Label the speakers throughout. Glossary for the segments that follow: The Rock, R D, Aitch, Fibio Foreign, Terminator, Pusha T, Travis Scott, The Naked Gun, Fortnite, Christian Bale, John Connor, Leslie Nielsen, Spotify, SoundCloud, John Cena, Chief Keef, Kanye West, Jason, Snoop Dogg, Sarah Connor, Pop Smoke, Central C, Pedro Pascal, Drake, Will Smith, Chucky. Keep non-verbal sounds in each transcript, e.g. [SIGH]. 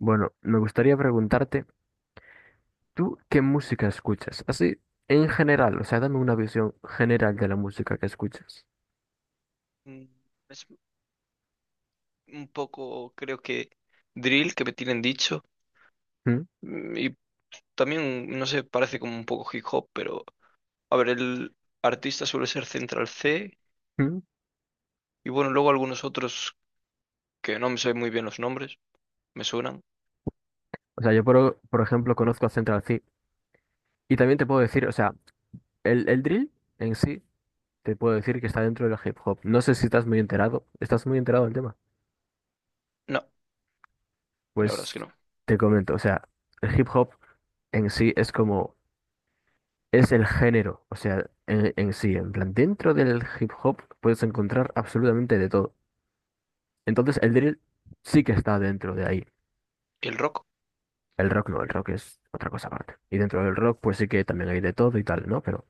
Speaker 1: Bueno, me gustaría preguntarte, ¿tú qué música escuchas? Así, en general, o sea, dame una visión general de la música que escuchas.
Speaker 2: Mm, Es un poco, creo que, drill que me tienen dicho.
Speaker 1: ¿Mm?
Speaker 2: Y también, no sé, parece como un poco hip hop, pero a ver, el artista suele ser Central C.
Speaker 1: ¿Mm?
Speaker 2: Y bueno, luego algunos otros que no me sé muy bien los nombres, me suenan.
Speaker 1: O sea, yo por ejemplo conozco a Central C y también te puedo decir, o sea, el drill en sí te puedo decir que está dentro del hip hop. No sé si estás muy enterado, ¿estás muy enterado del tema?
Speaker 2: No, la verdad es que
Speaker 1: Pues
Speaker 2: no.
Speaker 1: te comento, o sea, el hip hop en sí es como, es el género, o sea, en sí, en plan, dentro del hip hop puedes encontrar absolutamente de todo. Entonces el drill sí que está dentro de ahí.
Speaker 2: ¿Y el rock?
Speaker 1: El rock no, el rock es otra cosa aparte. Y dentro del rock pues sí que también hay de todo y tal, ¿no? Pero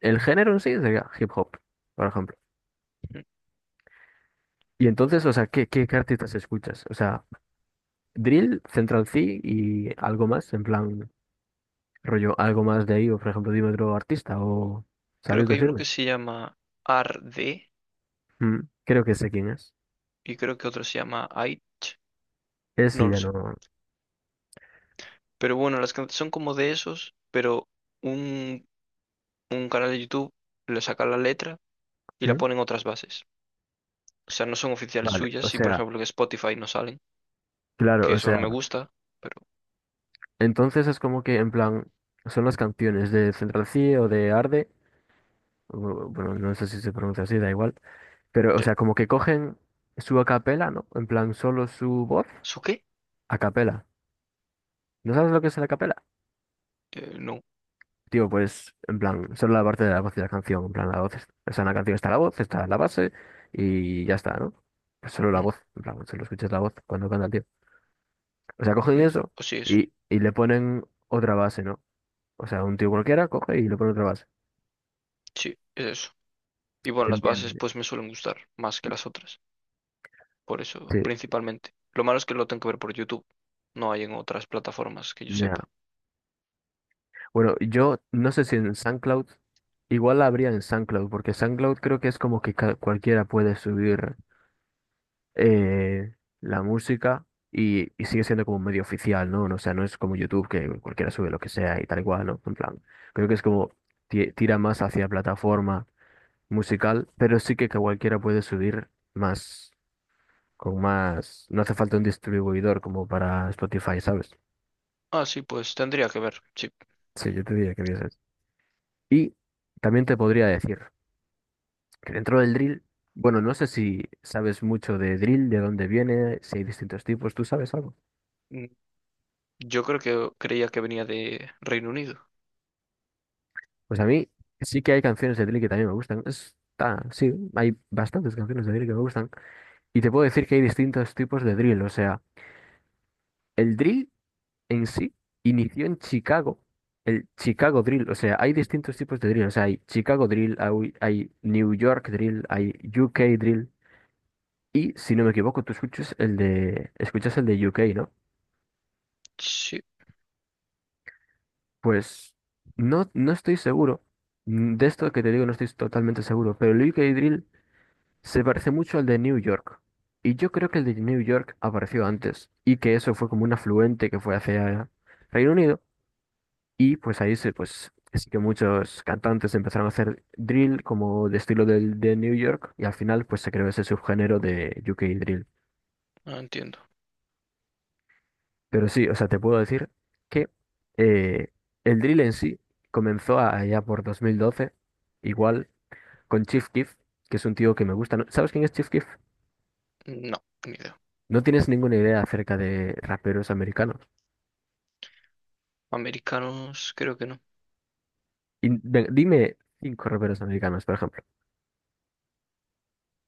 Speaker 1: el género en sí sería hip hop, por ejemplo.
Speaker 2: Mm,
Speaker 1: Y entonces, o sea, ¿qué, artistas escuchas? O sea, drill, Central C y algo más, en plan, rollo, algo más de ahí, o por ejemplo, dime otro artista, o
Speaker 2: Creo
Speaker 1: ¿sabrías
Speaker 2: que hay uno que
Speaker 1: decirme?
Speaker 2: se llama RD
Speaker 1: Creo que sé quién es.
Speaker 2: y creo que otro se llama Aitch,
Speaker 1: Ese
Speaker 2: no lo
Speaker 1: ya
Speaker 2: sé.
Speaker 1: no.
Speaker 2: Pero bueno, las canciones son como de esos, pero un, un canal de YouTube le saca la letra y la
Speaker 1: Mm,
Speaker 2: ponen otras bases. O sea, no son oficiales
Speaker 1: vale, o
Speaker 2: suyas y por
Speaker 1: sea,
Speaker 2: ejemplo en Spotify no salen,
Speaker 1: claro,
Speaker 2: que
Speaker 1: o
Speaker 2: eso no
Speaker 1: sea,
Speaker 2: me gusta, pero
Speaker 1: entonces es como que en plan, son las canciones de Central C o de Arde bueno, no sé si se pronuncia así, da igual. Pero, o
Speaker 2: sí.
Speaker 1: sea, como que cogen su acapela, ¿no? En plan, solo su voz,
Speaker 2: ¿Eso qué?
Speaker 1: acapela. ¿No sabes lo que es la acapela?
Speaker 2: No.
Speaker 1: Tío, pues, en plan, solo la parte de la voz de la canción. En plan, la voz, o sea, en la canción está la voz, está la base y ya está, ¿no? Pues solo la
Speaker 2: Mm,
Speaker 1: voz, en plan, solo escuchas la voz cuando canta el tío. O sea, cogen
Speaker 2: mm.
Speaker 1: eso
Speaker 2: Pues sí, eso.
Speaker 1: y le ponen otra base, ¿no? O sea, un tío cualquiera coge y le pone otra base.
Speaker 2: Sí, es eso. Y bueno, las
Speaker 1: Entiendo.
Speaker 2: bases pues me suelen gustar más que las otras, por eso
Speaker 1: Sí,
Speaker 2: principalmente. Lo malo es que lo tengo que ver por YouTube, no hay en otras plataformas que yo
Speaker 1: ya.
Speaker 2: sepa.
Speaker 1: Bueno, yo no sé si en SoundCloud, igual la habría en SoundCloud, porque SoundCloud creo que es como que cualquiera puede subir eh, la música y sigue siendo como medio oficial, ¿no? O sea, no es como YouTube que cualquiera sube lo que sea y tal y cual, ¿no? En plan, creo que es como tira más hacia plataforma musical, pero sí que cualquiera puede subir más, con más, no hace falta un distribuidor como para Spotify, ¿sabes?
Speaker 2: Ah, sí, pues tendría que ver, sí.
Speaker 1: Sí, yo te diría que vieses. Y también te podría decir que dentro del drill, bueno, no sé si sabes mucho de drill, de dónde viene, si hay distintos tipos, ¿tú sabes algo?
Speaker 2: Mm, Yo creo que creía que venía de Reino Unido.
Speaker 1: Pues a mí sí que hay canciones de drill que también me gustan. Está, sí, hay bastantes canciones de drill que me gustan. Y te puedo decir que hay distintos tipos de drill, o sea, el drill en sí inició en Chicago. El Chicago Drill, o sea, hay distintos tipos de drill, o sea, hay Chicago Drill, hay New York Drill, hay UK Drill, y si no me equivoco, tú escuchas el de UK, ¿no?
Speaker 2: Sí,
Speaker 1: Pues no, no estoy seguro. De esto que te digo no estoy totalmente seguro, pero el UK Drill se parece mucho al de New York. Y yo creo que el de New York apareció antes y que eso fue como un afluente que fue hacia Reino Unido. Y pues pues sí que muchos cantantes empezaron a hacer drill como de estilo del de New York y al final pues se creó ese subgénero de UK Drill.
Speaker 2: no entiendo.
Speaker 1: Pero sí, o sea, te puedo decir que eh, el drill en sí comenzó allá por 2012. Igual con Chief Keef, que es un tío que me gusta, ¿no? ¿Sabes quién es Chief Keef?
Speaker 2: No, ni idea.
Speaker 1: No tienes ninguna idea acerca de raperos americanos.
Speaker 2: Americanos, creo que no.
Speaker 1: Y dime cinco raperos americanos, por ejemplo.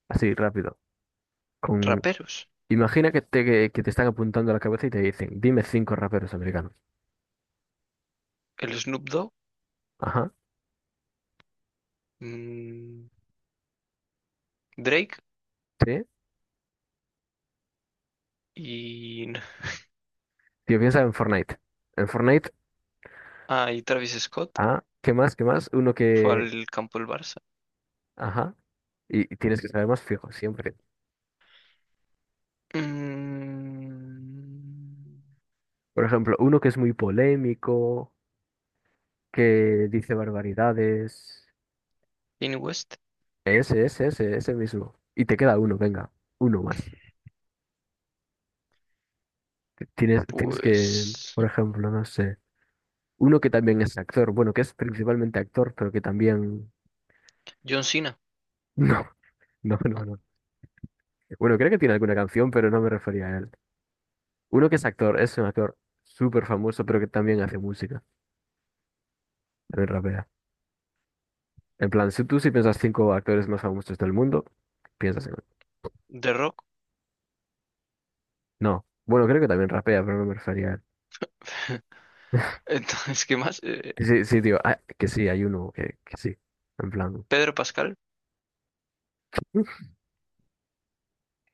Speaker 1: Así, rápido. Con...
Speaker 2: Raperos.
Speaker 1: Imagina que te están apuntando a la cabeza y te dicen, dime cinco raperos americanos.
Speaker 2: El Snoop Dogg,
Speaker 1: Ajá.
Speaker 2: mm, Drake
Speaker 1: Sí.
Speaker 2: y... [LAUGHS]
Speaker 1: Tío, piensa en Fortnite. En Fortnite,
Speaker 2: Ah, y Travis Scott
Speaker 1: ah, ¿qué más? ¿Qué más? Uno
Speaker 2: fue
Speaker 1: que...
Speaker 2: al campo del Barça.
Speaker 1: Ajá. Y tienes que saber más fijo, siempre.
Speaker 2: Mm,
Speaker 1: Por ejemplo, uno que es muy polémico, que dice barbaridades.
Speaker 2: Kanye West,
Speaker 1: Ese mismo. Y te queda uno, venga, uno más. Tienes que,
Speaker 2: pues...
Speaker 1: por ejemplo, no sé, uno que también es actor, bueno, que es principalmente actor, pero que también...
Speaker 2: John Cena.
Speaker 1: [LAUGHS] No, no, no,
Speaker 2: Ah,
Speaker 1: no. Bueno, creo que tiene alguna canción, pero no me refería a él. Uno que es actor, es un actor súper famoso, pero que también hace música, también rapea. En plan, si tú si piensas cinco actores más famosos del mundo, piensas en él.
Speaker 2: The Rock.
Speaker 1: No, bueno, creo que también rapea, pero no me refería a él.
Speaker 2: [LAUGHS] Entonces, ¿qué más?
Speaker 1: Sí, sí, tío, ah, que sí, hay uno que sí, en plan...
Speaker 2: Pedro Pascal.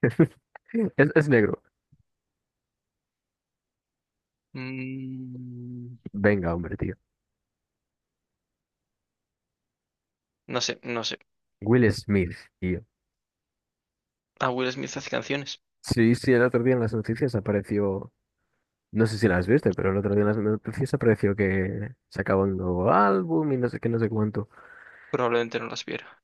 Speaker 1: [LAUGHS] Es negro.
Speaker 2: Mm,
Speaker 1: Venga, hombre, tío.
Speaker 2: no sé, no sé.
Speaker 1: Will Smith, tío.
Speaker 2: A Will Smith hace canciones.
Speaker 1: Sí, sí, el otro día en las noticias apareció. No sé si las viste, pero el otro día en las noticias apareció que sacaba un nuevo álbum y no sé qué, no sé cuánto.
Speaker 2: Probablemente no las viera.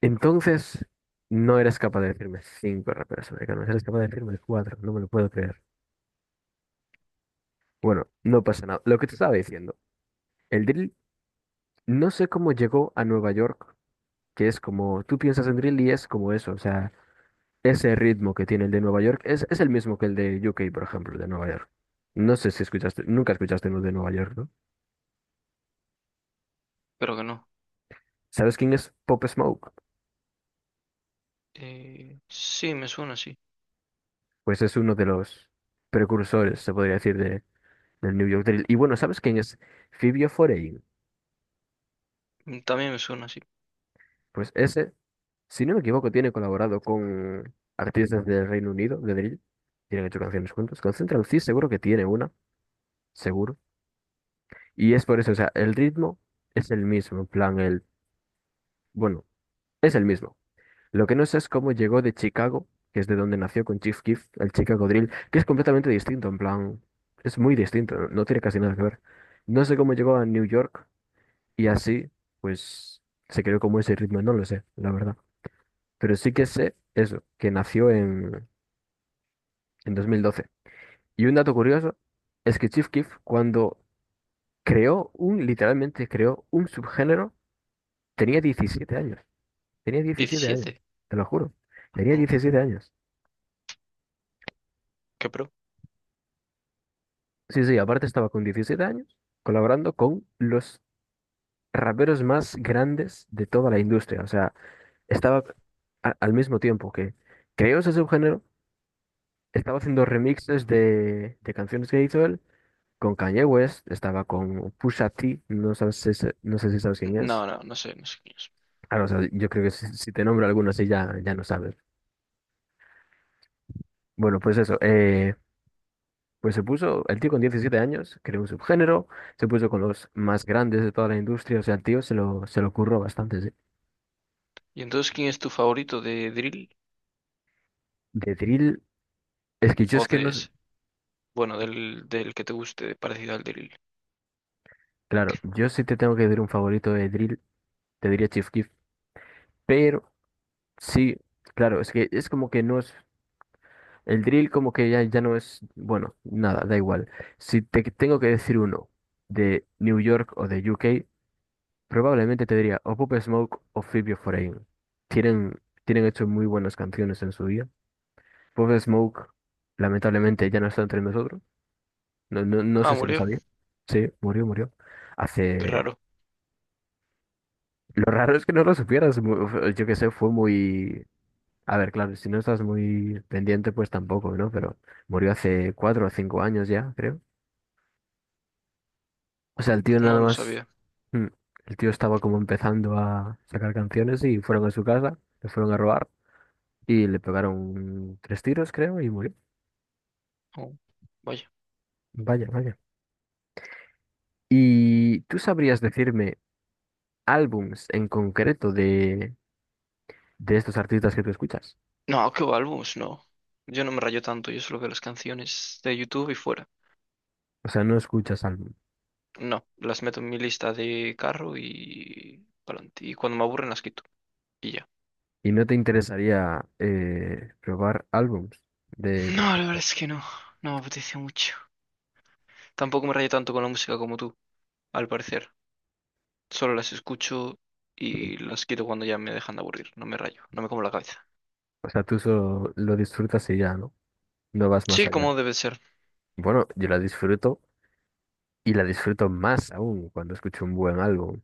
Speaker 1: Entonces, no eres capaz de decirme cinco raperos americanos, eres capaz de decirme cuatro, no me lo puedo creer. Bueno, no pasa nada. Lo que te estaba diciendo, el drill, no sé cómo llegó a Nueva York, que es como, tú piensas en drill y es como eso, o sea, ese ritmo que tiene el de Nueva York es el mismo que el de UK por ejemplo, de Nueva York. No sé si escuchaste, nunca escuchaste uno de Nueva York, ¿no?
Speaker 2: Pero que no.
Speaker 1: ¿Sabes quién es Pop Smoke?
Speaker 2: Sí, me suena sí.
Speaker 1: Pues es uno de los precursores, se podría decir, del New York Drill. Y bueno, ¿sabes quién es Fibio Foreign?
Speaker 2: Mm, también me suena sí.
Speaker 1: Pues ese, si no me equivoco, tiene colaborado con artistas del Reino Unido, de Drill. Tienen hecho canciones juntos. Con Central C seguro que tiene una, seguro. Y es por eso, o sea, el ritmo es el mismo, en plan, el, bueno, es el mismo. Lo que no sé es cómo llegó de Chicago, que es de donde nació con Chief Keef, el Chicago Drill, que es completamente distinto, en plan, es muy distinto, no tiene casi nada que ver. No sé cómo llegó a New York y así, pues, se creó como ese ritmo, no lo sé, la verdad. Pero sí que sé eso, que nació en 2012. Y un dato curioso es que Chief Keef, cuando creó un, literalmente creó un subgénero, tenía 17 años. Tenía 17 años,
Speaker 2: ¿17?
Speaker 1: te lo juro. Tenía
Speaker 2: ¿No?
Speaker 1: 17 años.
Speaker 2: ¿Qué pro?
Speaker 1: Sí, sí, aparte estaba con 17 años colaborando con los raperos más grandes de toda la industria. O sea, estaba al mismo tiempo que creó ese subgénero, estaba haciendo remixes de canciones que hizo él con Kanye West, estaba con Pusha T, no sabes si no sé si sabes quién
Speaker 2: No,
Speaker 1: es.
Speaker 2: no, no sé, no sé quién es.
Speaker 1: Claro, o sea, yo creo que si, te nombro alguno así ya no sabes. Bueno, pues eso, pues se puso, el tío con 17 años, creó un subgénero, se puso con los más grandes de toda la industria, o sea, el tío se lo curró bastante. Sí.
Speaker 2: ¿Y entonces quién es tu favorito de Drill?
Speaker 1: De drill, es que yo
Speaker 2: ¿O
Speaker 1: es que no,
Speaker 2: de ese? Bueno, del que te guste, parecido al Drill.
Speaker 1: claro, yo sí te tengo que decir un favorito de drill, te diría Chief Keef, pero sí, claro, es que es como que no es, el drill como que ya no es, bueno, nada, da igual. Si te tengo que decir uno de New York o de UK, probablemente te diría o Pop Smoke o Fibio Foreign. Tienen hecho muy buenas canciones en su día. Bob Smoke, lamentablemente, ya no está entre nosotros. No, no, no
Speaker 2: Ah,
Speaker 1: sé si lo
Speaker 2: murió.
Speaker 1: sabía. Sí, murió, murió.
Speaker 2: Qué
Speaker 1: Hace...
Speaker 2: raro.
Speaker 1: Lo raro es que no lo supieras. Yo qué sé, fue muy... A ver, claro, si no estás muy pendiente, pues tampoco, ¿no? Pero murió hace 4 o 5 años ya, creo. O sea, el tío
Speaker 2: Pues no,
Speaker 1: nada
Speaker 2: no
Speaker 1: más...
Speaker 2: sabía.
Speaker 1: mm, el tío estaba como empezando a sacar canciones y fueron a su casa, le fueron a robar y le pegaron tres tiros, creo, y murió.
Speaker 2: Oh, vaya.
Speaker 1: Vaya, vaya. ¿Y tú sabrías decirme... álbums en concreto de estos artistas que tú escuchas?
Speaker 2: No, qué álbumes, no. Yo no me rayo tanto, yo solo veo las canciones de YouTube y fuera.
Speaker 1: O sea, no escuchas álbum.
Speaker 2: No, las meto en mi lista de carro y pa'lante. Y cuando me aburren las quito. Y ya.
Speaker 1: Y no te interesaría probar álbums de, por
Speaker 2: No, la verdad
Speaker 1: ejemplo.
Speaker 2: es que no. No me apetece mucho. Tampoco me rayo tanto con la música como tú, al parecer. Solo las escucho y las quito cuando ya me dejan de aburrir. No me rayo, no me como la cabeza.
Speaker 1: O sea, tú solo lo disfrutas y ya, ¿no? No vas más
Speaker 2: Sí,
Speaker 1: allá.
Speaker 2: como debe ser.
Speaker 1: Bueno, yo la disfruto y la disfruto más aún cuando escucho un buen álbum.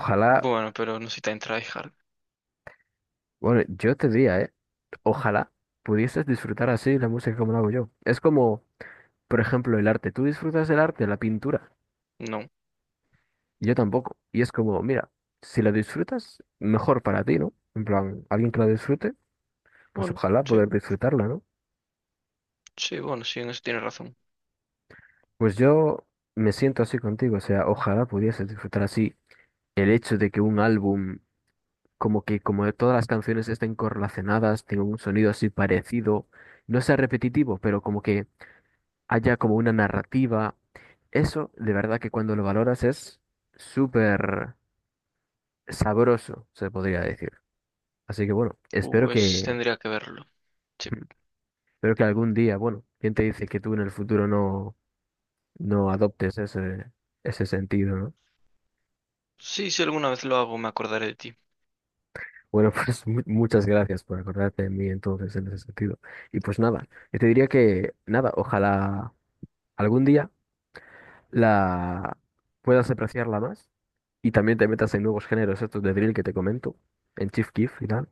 Speaker 1: Ojalá,
Speaker 2: Bueno, pero no soy tan tryhard.
Speaker 1: bueno, yo te diría, ¿eh? Ojalá pudieses disfrutar así la música como la hago yo. Es como, por ejemplo, el arte. ¿Tú disfrutas del arte, la pintura?
Speaker 2: No.
Speaker 1: Yo tampoco. Y es como, mira, si la disfrutas, mejor para ti, ¿no? En plan, alguien que la disfrute, pues
Speaker 2: Bueno,
Speaker 1: ojalá
Speaker 2: sí,
Speaker 1: poder disfrutarla, ¿no?
Speaker 2: sí, bueno, sí, en eso tienes razón.
Speaker 1: Pues yo me siento así contigo, o sea, ojalá pudiese disfrutar así el hecho de que un álbum, como que como todas las canciones estén correlacionadas, tengan un sonido así parecido, no sea repetitivo, pero como que haya como una narrativa. Eso, de verdad que cuando lo valoras es súper sabroso, se podría decir. Así que bueno, espero
Speaker 2: Pues
Speaker 1: que...
Speaker 2: tendría que verlo. Sí.
Speaker 1: [LAUGHS] Pero que algún día, bueno, ¿quién te dice que tú en el futuro no adoptes ese, ese sentido, ¿no?
Speaker 2: Sí, si alguna vez lo hago, me acordaré de ti.
Speaker 1: Bueno, [LAUGHS] pues muchas gracias por acordarte de mí entonces en ese sentido. Y pues nada, yo te diría que nada, ojalá algún día la puedas apreciarla más y también te metas en nuevos géneros estos de drill que te comento, en Chief Keef y tal,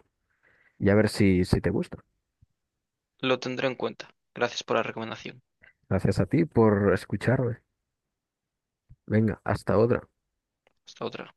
Speaker 1: y a ver si te gusta.
Speaker 2: Lo tendré en cuenta. Gracias por la recomendación.
Speaker 1: Gracias a ti por escucharme. Venga, hasta otra.
Speaker 2: Hasta otra.